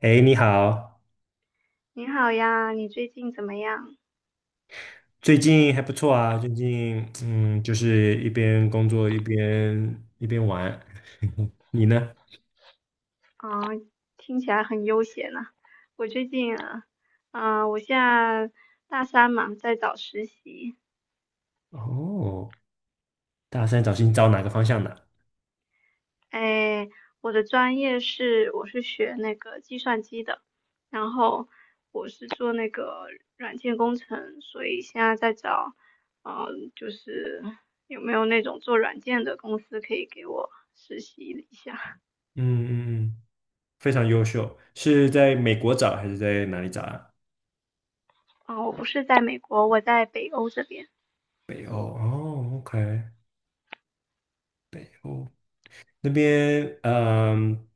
哎，你好。你好呀，你最近怎么样？最近还不错啊，最近就是一边工作一边玩。你呢？啊，听起来很悠闲呢。我最近，我现在大三嘛，在找实习。哦，大三找哪个方向的？哎，我的专业是我是学那个计算机的，然后我是做那个软件工程，所以现在在找，就是有没有那种做软件的公司可以给我实习一下？嗯嗯嗯，非常优秀。是在美国找还是在哪里找啊？啊，我不是在美国，我在北欧这边。北欧哦，OK，北欧那边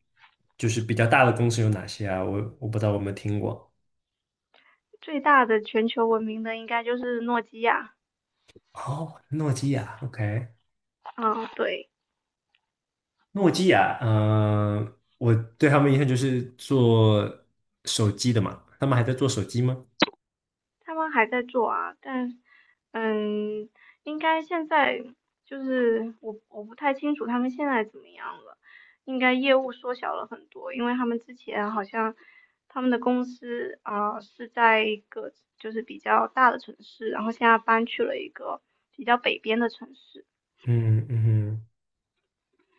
就是比较大的公司有哪些啊？我不知道我有没有听过。最大的全球闻名的应该就是诺基亚，哦，诺基亚，OK。嗯，对，诺基亚。嗯、我对他们印象就是做手机的嘛，他们还在做手机吗？他们还在做啊，但嗯，应该现在就是我不太清楚他们现在怎么样了，应该业务缩小了很多，因为他们之前好像他们的公司啊、是在一个就是比较大的城市，然后现在搬去了一个比较北边的城市。嗯嗯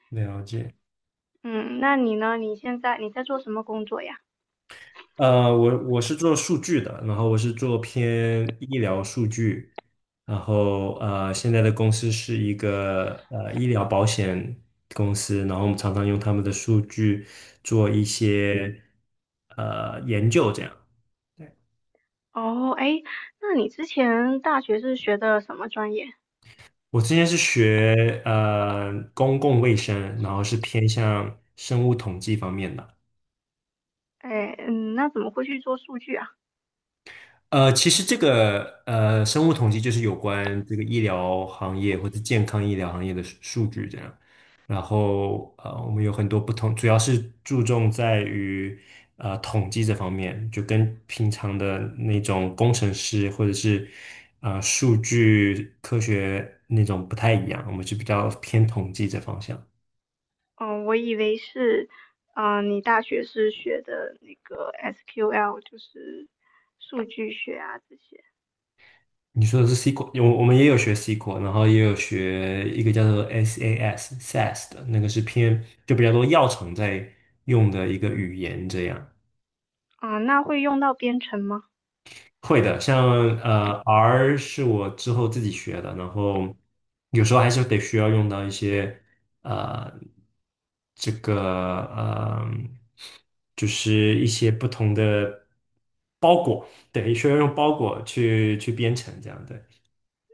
哼，了解。嗯，那你呢？你现在你在做什么工作呀？我是做数据的，然后我是做偏医疗数据，然后现在的公司是一个医疗保险公司，然后我们常常用他们的数据做一些研究，这样。对。哦，哎，那你之前大学是学的什么专业？我之前是学公共卫生，然后是偏向生物统计方面的。哎，那怎么会去做数据啊？其实这个生物统计就是有关这个医疗行业或者健康医疗行业的数据这样。然后我们有很多不同，主要是注重在于统计这方面，就跟平常的那种工程师或者是数据科学那种不太一样，我们是比较偏统计这方向。哦，我以为是，你大学是学的那个 SQL，就是数据学啊这些。你说的是 SQL,我们也有学 SQL,然后也有学一个叫做 SAS 的那个是偏就比较多药厂在用的一个语言，这样。啊、那会用到编程吗？会的。像R 是我之后自己学的，然后有时候还是得需要用到一些呃这个呃就是一些不同的包裹，对，需要用包裹去编程这样对。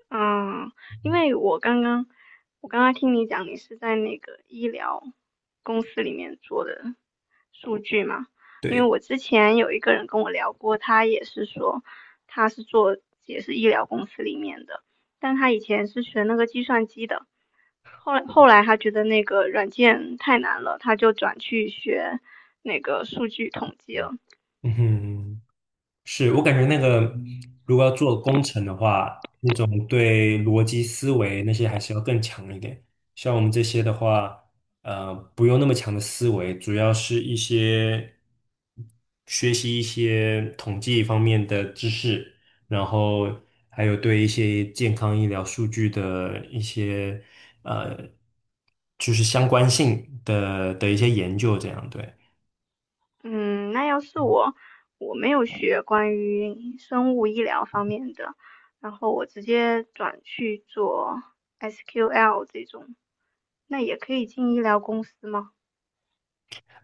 嗯，因为我刚刚听你讲，你是在那个医疗公司里面做的数据嘛？因为对，我之前有一个人跟我聊过，他也是说他是做也是医疗公司里面的，但他以前是学那个计算机的，后来他觉得那个软件太难了，他就转去学那个数据统计了。嗯哼。是我感觉那个，如果要做工程的话，那种对逻辑思维那些还是要更强一点。像我们这些的话，不用那么强的思维，主要是一些学习一些统计方面的知识，然后还有对一些健康医疗数据的一些呃，就是相关性的一些研究，这样对。嗯，那要是我，我没有学关于生物医疗方面的，然后我直接转去做 SQL 这种，那也可以进医疗公司吗？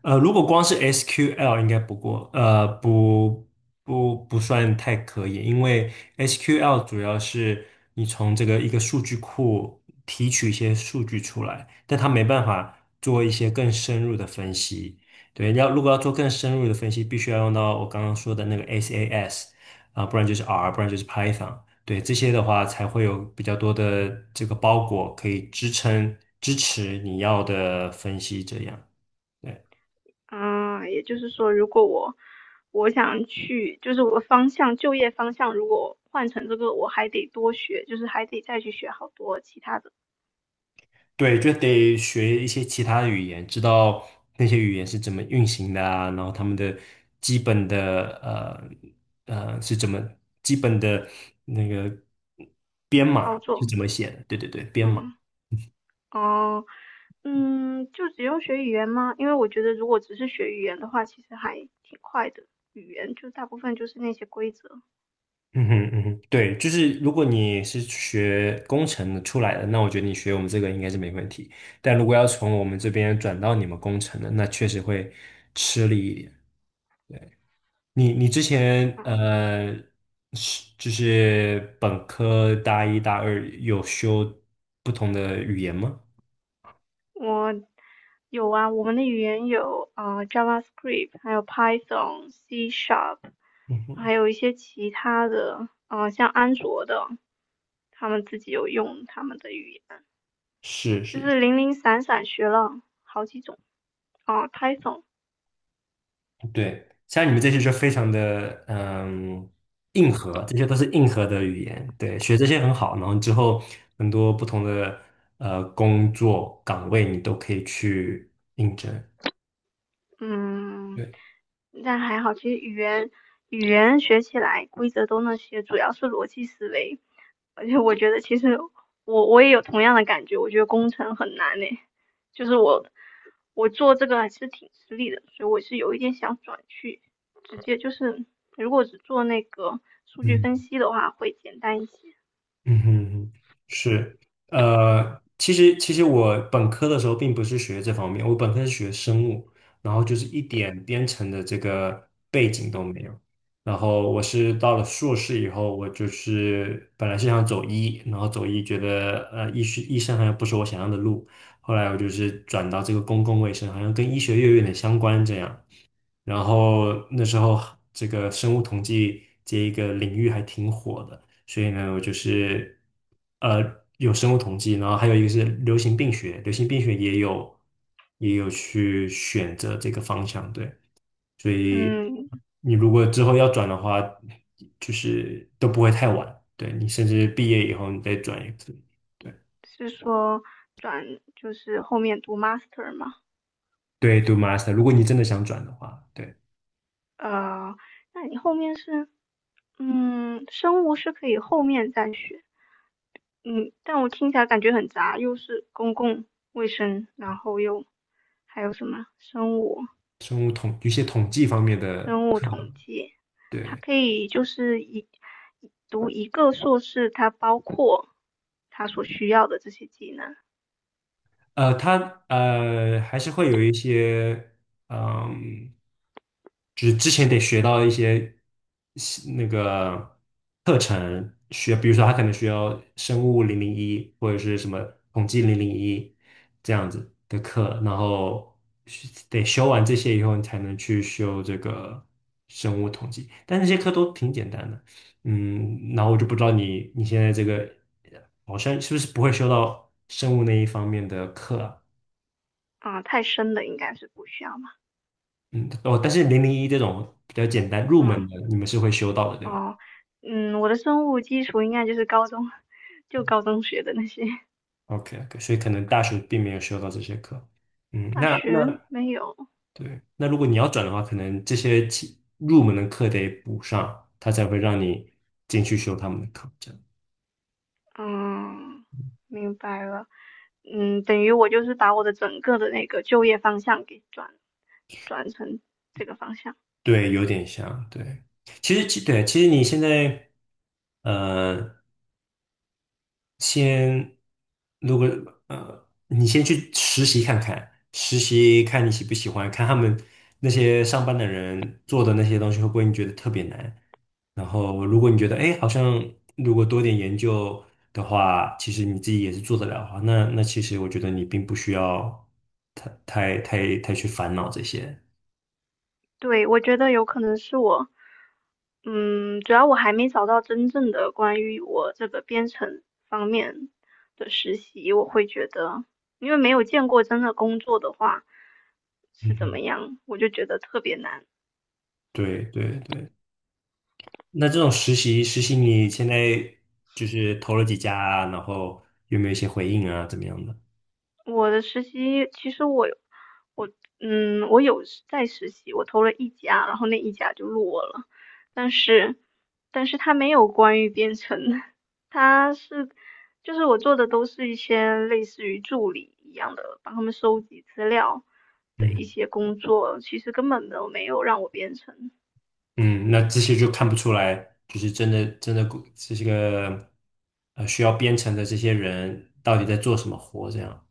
如果光是 SQL 应该不过，不算太可以，因为 SQL 主要是你从这个一个数据库提取一些数据出来，但它没办法做一些更深入的分析。对，要如果要做更深入的分析，必须要用到我刚刚说的那个 SAS 啊，不然就是 R,不然就是 Python。对，这些的话才会有比较多的这个包裹可以支持你要的分析这样。对。嗯，也就是说，如果我想去，就是我方向就业方向，如果换成这个，我还得多学，就是还得再去学好多其他的对，就得学一些其他的语言，知道那些语言是怎么运行的啊，然后他们的基本的是怎么基本的那个编码操是作。怎么写的？对对对，编码。嗯。哦，就只用学语言吗？因为我觉得如果只是学语言的话，其实还挺快的。语言就大部分就是那些规则。嗯哼嗯哼，对，就是如果你是学工程的出来的，那我觉得你学我们这个应该是没问题。但如果要从我们这边转到你们工程的，那确实会吃力一点。你之前嗯，是就是本科大一大二有修不同的语言吗？我有啊，我们的语言有JavaScript，还有 Python、C Sharp，嗯哼，还有一些其他的，像安卓的，他们自己有用他们的语言，是就是，是零零散散学了好几种。啊 Python 对，像你们这些就非常的硬核，这些都是硬核的语言。对，学这些很好，然后之后很多不同的工作岗位你都可以去应征。嗯，对，但还好，其实语言学起来规则都那些，主要是逻辑思维。而且我觉得其实我也有同样的感觉，我觉得工程很难呢，就是我做这个还是挺吃力的，所以我是有一点想转去，直接就是如果只做那个数据分嗯。析的话会简单一些。嗯哼，是，其实我本科的时候并不是学这方面，我本科是学生物，然后就是一点编程的这个背景都没有。然后我是到了硕士以后，我就是本来是想走医，然后走医觉得医生好像不是我想要的路，后来我就是转到这个公共卫生，好像跟医学院有点相关这样。然后那时候这个生物统计这一个领域还挺火的，所以呢，我就是呃有生物统计，然后还有一个是流行病学，流行病学也有去选择这个方向，对，所以嗯，你如果之后要转的话，就是都不会太晚，对你甚至毕业以后你再转一次，对是说转就是后面读 master 吗？对，读 master,如果你真的想转的话，对呃，那你后面是，生物是可以后面再学，嗯，但我听起来感觉很杂，又是公共卫生，然后又还有什么生物统一些统计方面的，生物统计，它对。可以就是读一个硕士，它包括它所需要的这些技能他还是会有一些，嗯，就是之前得学到一些那个课程，学，比如说他可能需要生物零零一或者是什么统计零零一这样子的课，然后是得修完这些以后，你才能去修这个生物统计，但那些课都挺简单的，嗯，然后我就不知道你现在这个。好像是不是不会修到生物那一方面的课啊？啊，太深的应该是不需要嘛，嗯，哦，但是零零一这种比较简单入门啊，的，你们是会修到的，对吧哦，我的生物基础应该就是高中 就高中学的那些。？OK,所以可能大学并没有修到这些课。嗯，大那学没有，对，那如果你要转的话，可能这些起入门的课得补上，他才会让你进去修他们的课。这样嗯，明白了，等于我就是把我的整个的那个就业方向给转成这个方向。对，有点像。对，其实其对，其实你现在呃先，如果你先去实习看看，实习看你喜不喜欢，看他们那些上班的人做的那些东西会不会你觉得特别难。然后，如果你觉得哎，诶好像如果多点研究的话，其实你自己也是做得了的话，那其实我觉得你并不需要太去烦恼这些。对，我觉得有可能是我，主要我还没找到真正的关于我这个编程方面的实习，我会觉得，因为没有见过真的工作的话是嗯怎么哼，样，我就觉得特别难。对对对。那这种实习你现在就是投了几家啊然后有没有一些回应啊，怎么样的？我的实习其实我有我我有在实习，我投了一家，然后那一家就落了，但是他没有关于编程的，它是就是我做的都是一些类似于助理一样的，帮他们收集资料的一嗯些工作，其实根本都没有让我编程。嗯，那这些就看不出来，就是真的真的这些个需要编程的这些人到底在做什么活，这样。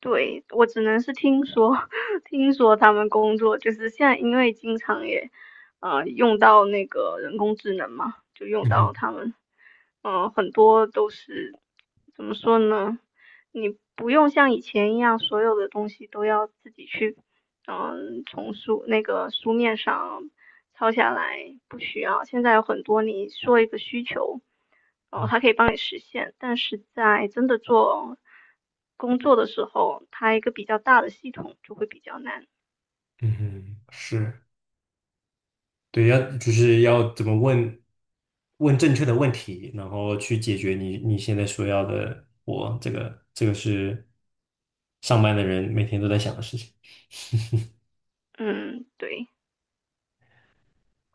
对，我只能是听说，听说他们工作就是现在，因为经常也，用到那个人工智能嘛，就用嗯到哼，他们，很多都是怎么说呢？你不用像以前一样，所有的东西都要自己去，从那个书面上抄下来，不需要。现在有很多你说一个需求，哦，它可以帮你实现，但是在真的做工作的时候，它一个比较大的系统就会比较难。嗯哼，是，对，要就是要怎么问正确的问题，然后去解决你现在所要的活，这个是上班的人每天都在想的事情。嗯，对，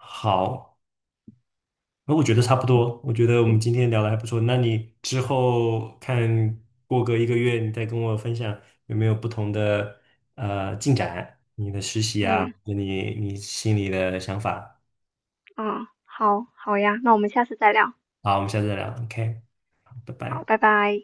好。那我觉得差不多，我觉得我们今天聊的还不错。那你之后看过个一个月，你再跟我分享有没有不同的进展，你的实习啊，嗯。跟你心里的想法。啊，好，好呀，那我们下次再聊。好，我们下次再聊，OK,好拜好，拜。拜拜。